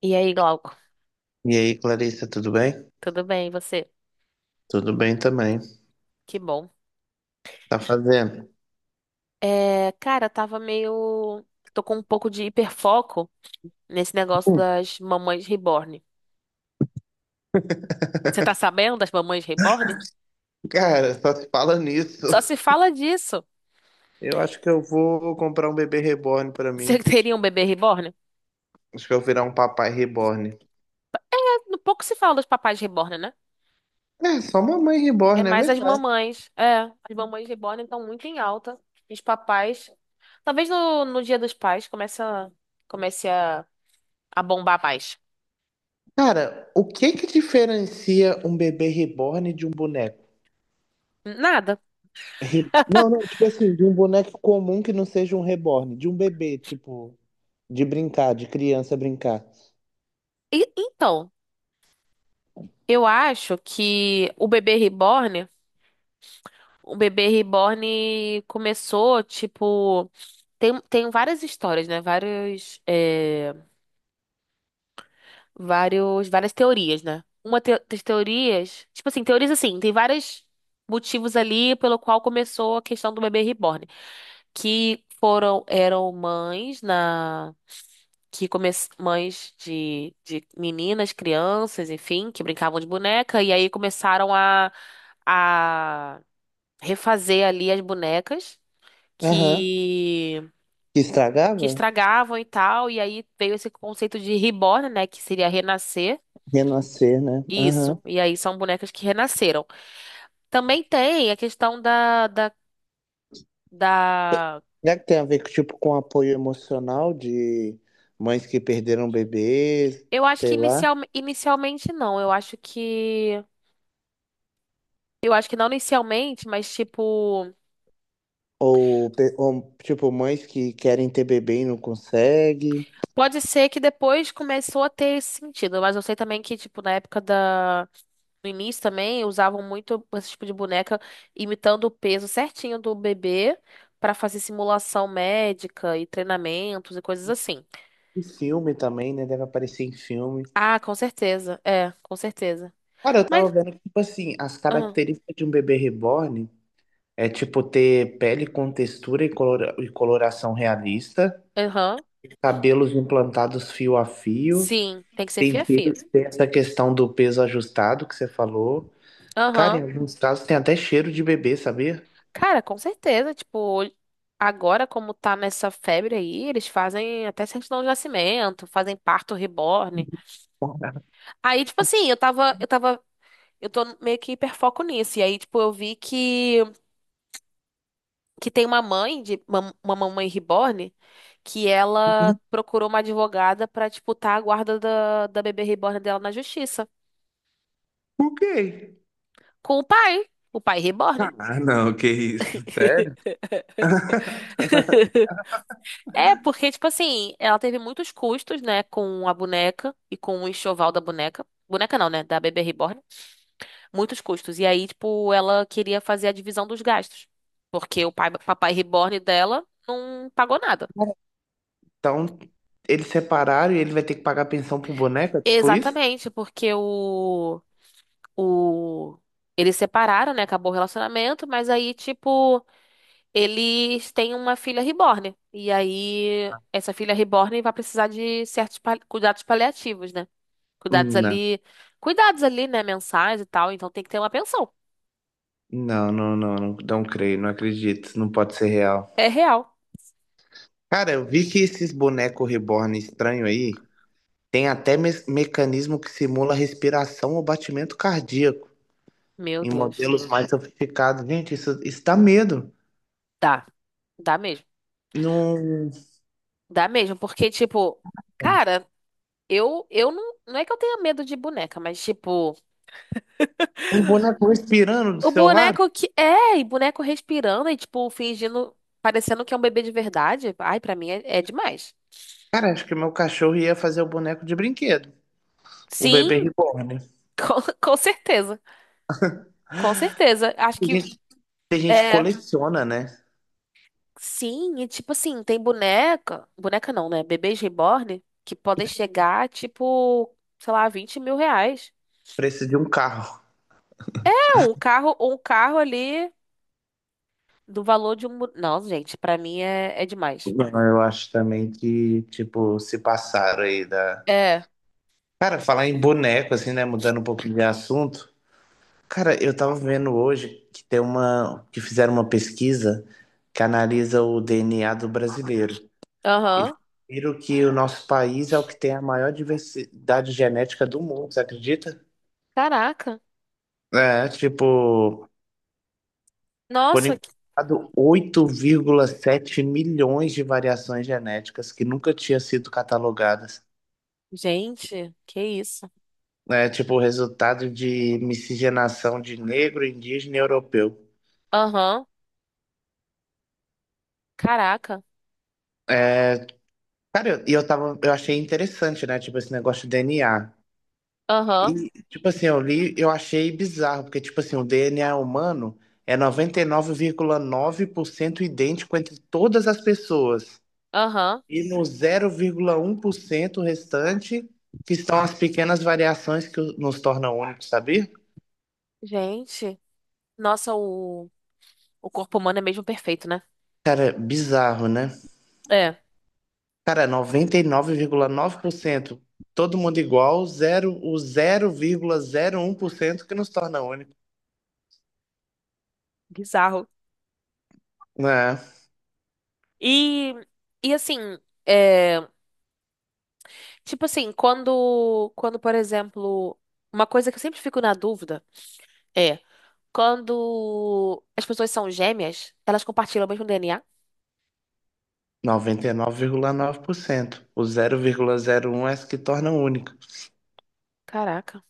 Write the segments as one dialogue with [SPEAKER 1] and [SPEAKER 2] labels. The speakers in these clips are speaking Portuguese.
[SPEAKER 1] E aí, Glauco?
[SPEAKER 2] E aí, Clarissa, tudo bem?
[SPEAKER 1] Tudo bem, e você?
[SPEAKER 2] Tudo bem também.
[SPEAKER 1] Que bom.
[SPEAKER 2] Tá fazendo?
[SPEAKER 1] É, cara, tava meio. Tô com um pouco de hiperfoco nesse negócio das mamães reborn. Você tá sabendo das mamães reborn?
[SPEAKER 2] Cara, só se fala nisso.
[SPEAKER 1] Só se fala disso.
[SPEAKER 2] Eu acho que eu vou comprar um bebê reborn pra
[SPEAKER 1] Você
[SPEAKER 2] mim.
[SPEAKER 1] teria um bebê reborn?
[SPEAKER 2] Acho que eu vou virar um papai reborn.
[SPEAKER 1] É, pouco se fala dos papais reborn, né?
[SPEAKER 2] É, só mamãe
[SPEAKER 1] É
[SPEAKER 2] reborn, é
[SPEAKER 1] mais as
[SPEAKER 2] verdade.
[SPEAKER 1] mamães. É, as mamães reborn estão muito em alta. Os papais. Talvez no Dia dos Pais comece a, a bombar mais.
[SPEAKER 2] Cara, o que que diferencia um bebê reborn de um boneco?
[SPEAKER 1] Nada.
[SPEAKER 2] Não, não, tipo assim, de um boneco comum que não seja um reborn, de um bebê, tipo, de brincar, de criança brincar.
[SPEAKER 1] Então. Eu acho que o bebê reborn começou, tipo, tem várias histórias, né? Vários, é, vários, várias teorias, né? Das teorias, tipo assim, teorias assim, tem vários motivos ali pelo qual começou a questão do bebê reborn, que foram, eram mães na que come... mães de meninas, crianças, enfim, que brincavam de boneca, e aí começaram a refazer ali as bonecas
[SPEAKER 2] Aham.
[SPEAKER 1] que
[SPEAKER 2] Que
[SPEAKER 1] que
[SPEAKER 2] estragava?
[SPEAKER 1] estragavam e tal, e aí veio esse conceito de reborn, né, que seria renascer.
[SPEAKER 2] Renascer, né?
[SPEAKER 1] Isso.
[SPEAKER 2] Aham.
[SPEAKER 1] E aí são bonecas que renasceram. Também tem a questão da...
[SPEAKER 2] Será que tem a ver, tipo, com apoio emocional de mães que perderam bebês,
[SPEAKER 1] Eu acho que
[SPEAKER 2] sei lá?
[SPEAKER 1] inicialmente não. Eu acho que não inicialmente, mas tipo
[SPEAKER 2] Ou, ou, tipo, mães que querem ter bebê e não conseguem?
[SPEAKER 1] pode ser que depois começou a ter esse sentido, mas eu sei também que, tipo, na época da, no início também usavam muito esse tipo de boneca imitando o peso certinho do bebê para fazer simulação médica e treinamentos e coisas assim.
[SPEAKER 2] E filme também, né? Deve aparecer em filme.
[SPEAKER 1] Ah, com certeza. É, com certeza.
[SPEAKER 2] Cara, eu tava
[SPEAKER 1] Mas,
[SPEAKER 2] vendo que, tipo assim, as
[SPEAKER 1] ah,
[SPEAKER 2] características de um bebê reborn é, tipo, ter pele com textura e, coloração realista,
[SPEAKER 1] aham,
[SPEAKER 2] cabelos implantados fio a fio,
[SPEAKER 1] sim, tem que ser
[SPEAKER 2] tem, peso-
[SPEAKER 1] fia-fia.
[SPEAKER 2] tem essa questão do peso ajustado que você falou. Cara, em
[SPEAKER 1] Aham.
[SPEAKER 2] alguns casos tem até cheiro de bebê, sabia?
[SPEAKER 1] Cara, com certeza, tipo, agora como tá nessa febre aí, eles fazem até certidão de nascimento, fazem parto reborn. Aí, tipo assim, eu tô meio que hiperfoco nisso. E aí, tipo, eu vi que tem uma mãe de uma mamãe reborn que ela procurou uma advogada pra disputar a guarda da, da bebê reborn dela na justiça
[SPEAKER 2] O quê?
[SPEAKER 1] com o pai reborn.
[SPEAKER 2] Sério?
[SPEAKER 1] É, porque tipo assim, ela teve muitos custos, né, com a boneca e com o enxoval da boneca. Boneca não, né, da bebê reborn. Muitos custos. E aí, tipo, ela queria fazer a divisão dos gastos, porque o pai, papai reborn dela não pagou nada.
[SPEAKER 2] Então, eles separaram e ele vai ter que pagar pensão pro boneco, é tipo isso?
[SPEAKER 1] Exatamente, porque o eles separaram, né? Acabou o relacionamento, mas aí, tipo, eles têm uma filha reborn. E aí, essa filha reborn vai precisar de certos cuidados paliativos, né? Cuidados
[SPEAKER 2] Não,
[SPEAKER 1] ali, cuidados ali, né? Mensais e tal. Então tem que ter uma pensão.
[SPEAKER 2] não, não, não, não, não creio, não acredito, não pode ser real.
[SPEAKER 1] É real.
[SPEAKER 2] Cara, eu vi que esses bonecos reborn estranho aí tem até mecanismo que simula respiração ou batimento cardíaco
[SPEAKER 1] Meu
[SPEAKER 2] em
[SPEAKER 1] Deus.
[SPEAKER 2] modelos mais sofisticados. Gente, isso dá medo.
[SPEAKER 1] Dá. Dá mesmo.
[SPEAKER 2] Num,
[SPEAKER 1] Dá mesmo, porque, tipo, cara, eu não, não é que eu tenha medo de boneca, mas, tipo.
[SPEAKER 2] Um boneco respirando do
[SPEAKER 1] O
[SPEAKER 2] seu lado?
[SPEAKER 1] boneco que. É, e boneco respirando e, tipo, fingindo. Parecendo que é um bebê de verdade. Ai, pra mim é, é demais.
[SPEAKER 2] Cara, acho que meu cachorro ia fazer o boneco de brinquedo. O bebê
[SPEAKER 1] Sim,
[SPEAKER 2] reborn.
[SPEAKER 1] com, com certeza. Com certeza. Acho
[SPEAKER 2] Tem
[SPEAKER 1] que.
[SPEAKER 2] gente, tem gente que
[SPEAKER 1] É.
[SPEAKER 2] coleciona, né?
[SPEAKER 1] Sim, e tipo assim, tem boneca. Boneca não, né? Bebês reborn que podem chegar, tipo, sei lá, 20 mil reais.
[SPEAKER 2] Preço de um carro.
[SPEAKER 1] É, um carro ali do valor de um. Não, gente, pra mim é, é demais.
[SPEAKER 2] Eu acho também que, tipo, se passaram aí da.
[SPEAKER 1] É.
[SPEAKER 2] Cara, falar em boneco, assim, né? Mudando um pouquinho de assunto. Cara, eu tava vendo hoje que tem uma, que fizeram uma pesquisa que analisa o DNA do brasileiro. E
[SPEAKER 1] Aham.
[SPEAKER 2] viram que o nosso país é o que tem a maior diversidade genética do mundo, você acredita?
[SPEAKER 1] Caraca.
[SPEAKER 2] É, tipo, por
[SPEAKER 1] Nossa, que-
[SPEAKER 2] enquanto, 8,7 milhões de variações genéticas que nunca tinham sido catalogadas.
[SPEAKER 1] gente, que isso.
[SPEAKER 2] É, tipo, o resultado de miscigenação de negro, indígena e europeu.
[SPEAKER 1] Aham. Caraca.
[SPEAKER 2] É, cara, eu achei interessante, né? Tipo, esse negócio de DNA.
[SPEAKER 1] Aham.
[SPEAKER 2] E, tipo assim, eu li, eu achei bizarro, porque, tipo assim, o DNA humano é noventa e nove vírgula nove por cento idêntico entre todas as pessoas.
[SPEAKER 1] Aham.
[SPEAKER 2] E no 0,1% restante, que estão as pequenas variações que nos tornam únicos, sabia?
[SPEAKER 1] Gente. Nossa, o corpo humano é mesmo perfeito, né?
[SPEAKER 2] Cara, bizarro, né?
[SPEAKER 1] É.
[SPEAKER 2] Cara, 99,9%, todo mundo igual, zero, o 0,01% que nos torna único.
[SPEAKER 1] Bizarro.
[SPEAKER 2] É,
[SPEAKER 1] E, e assim, é, tipo assim, quando, por exemplo, uma coisa que eu sempre fico na dúvida é quando as pessoas são gêmeas, elas compartilham o mesmo DNA?
[SPEAKER 2] 99,9%. O 0,01% é as que tornam única.
[SPEAKER 1] Caraca.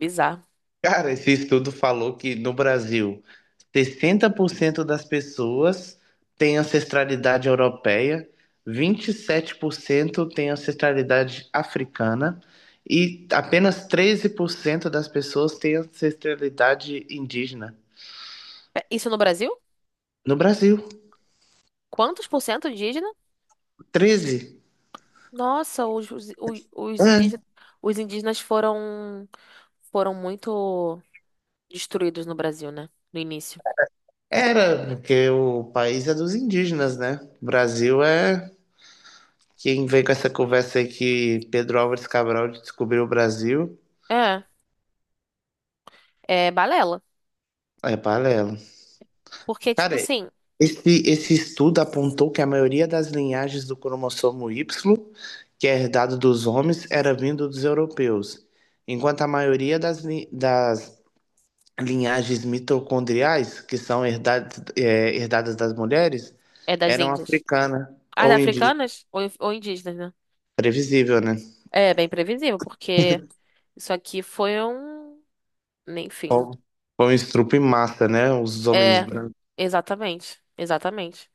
[SPEAKER 1] Bizarro.
[SPEAKER 2] Cara, esse estudo falou que no Brasil, 60% das pessoas têm ancestralidade europeia, 27% têm ancestralidade africana e apenas 13% das pessoas têm ancestralidade indígena.
[SPEAKER 1] É, isso no Brasil?
[SPEAKER 2] No Brasil,
[SPEAKER 1] Quantos por cento indígena?
[SPEAKER 2] 13.
[SPEAKER 1] Nossa,
[SPEAKER 2] É,
[SPEAKER 1] indígenas, os indígenas foram foram muito. Destruídos no Brasil, né? No início.
[SPEAKER 2] era, porque o país é dos indígenas, né? O Brasil é. Quem vem com essa conversa aí que Pedro Álvares Cabral descobriu o Brasil
[SPEAKER 1] É, é balela.
[SPEAKER 2] é paralelo.
[SPEAKER 1] Porque, tipo
[SPEAKER 2] Cara,
[SPEAKER 1] assim,
[SPEAKER 2] esse estudo apontou que a maioria das linhagens do cromossomo Y, que é herdado dos homens, era vindo dos europeus, enquanto a maioria das linhagens mitocondriais, que são herdadas, é, herdadas das mulheres,
[SPEAKER 1] é das
[SPEAKER 2] eram
[SPEAKER 1] Índias.
[SPEAKER 2] africana
[SPEAKER 1] As
[SPEAKER 2] ou indígena.
[SPEAKER 1] africanas ou indígenas, né?
[SPEAKER 2] Previsível, né?
[SPEAKER 1] É bem previsível, porque isso aqui foi um. Enfim.
[SPEAKER 2] Ou, ou estrupo em massa, né? Os homens
[SPEAKER 1] É,
[SPEAKER 2] brancos.
[SPEAKER 1] exatamente. Exatamente.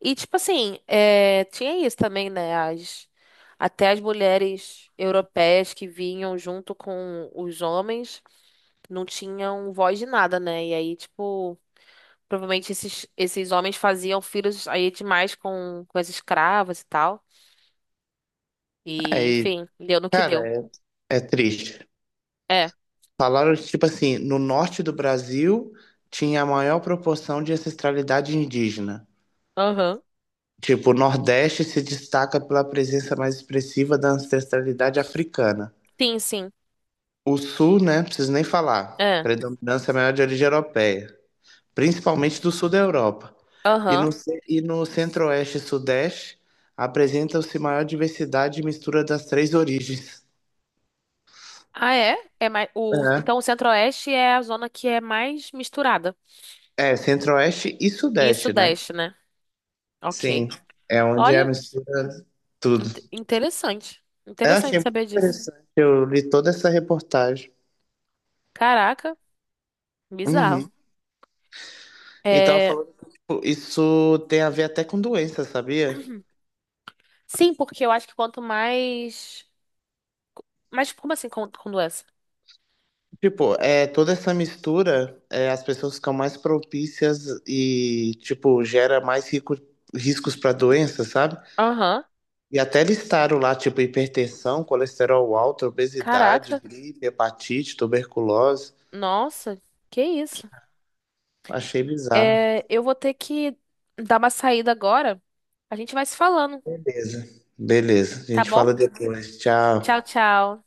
[SPEAKER 1] E, tipo assim, é, tinha isso também, né? As, até as mulheres europeias que vinham junto com os homens não tinham voz de nada, né? E aí, tipo. Provavelmente esses, esses homens faziam filhos aí demais com as escravas e tal. E,
[SPEAKER 2] Aí,
[SPEAKER 1] enfim, deu no que
[SPEAKER 2] cara,
[SPEAKER 1] deu.
[SPEAKER 2] é triste.
[SPEAKER 1] É.
[SPEAKER 2] Falaram que, tipo assim, no norte do Brasil tinha a maior proporção de ancestralidade indígena.
[SPEAKER 1] Aham.
[SPEAKER 2] Tipo, o Nordeste se destaca pela presença mais expressiva da ancestralidade africana.
[SPEAKER 1] Sim, sim.
[SPEAKER 2] O Sul, né, preciso nem falar,
[SPEAKER 1] É.
[SPEAKER 2] predominância maior de origem europeia, principalmente do Sul da Europa. E
[SPEAKER 1] Aham.
[SPEAKER 2] no Centro-Oeste e Sudeste apresentam-se maior diversidade e mistura das três origens.
[SPEAKER 1] Ah, é? É mais, o, então o Centro-Oeste é a zona que é mais misturada.
[SPEAKER 2] É Centro-Oeste e
[SPEAKER 1] E
[SPEAKER 2] Sudeste, né?
[SPEAKER 1] Sudeste, né? Ok.
[SPEAKER 2] Sim, é onde é a
[SPEAKER 1] Olha,
[SPEAKER 2] mistura de
[SPEAKER 1] in-
[SPEAKER 2] tudo.
[SPEAKER 1] interessante.
[SPEAKER 2] É assim, é
[SPEAKER 1] Interessante
[SPEAKER 2] muito
[SPEAKER 1] saber disso.
[SPEAKER 2] interessante, eu li toda essa reportagem.
[SPEAKER 1] Caraca, bizarro.
[SPEAKER 2] Uhum. E tava
[SPEAKER 1] É,
[SPEAKER 2] falando que, tipo, isso tem a ver até com doença, sabia?
[SPEAKER 1] sim, porque eu acho que quanto mais. Mas como assim, com doença?
[SPEAKER 2] Tipo, é, toda essa mistura, é, as pessoas ficam mais propícias e, tipo, gera mais riscos para doença, sabe?
[SPEAKER 1] Aham.
[SPEAKER 2] E até listaram lá, tipo, hipertensão, colesterol alto, obesidade,
[SPEAKER 1] Caraca.
[SPEAKER 2] gripe, hepatite, tuberculose.
[SPEAKER 1] Nossa, que isso?
[SPEAKER 2] Achei bizarro.
[SPEAKER 1] É, eu vou ter que dar uma saída agora. A gente vai se falando,
[SPEAKER 2] Beleza. Beleza. A
[SPEAKER 1] tá
[SPEAKER 2] gente
[SPEAKER 1] bom?
[SPEAKER 2] fala depois.
[SPEAKER 1] Tchau,
[SPEAKER 2] Tchau.
[SPEAKER 1] tchau.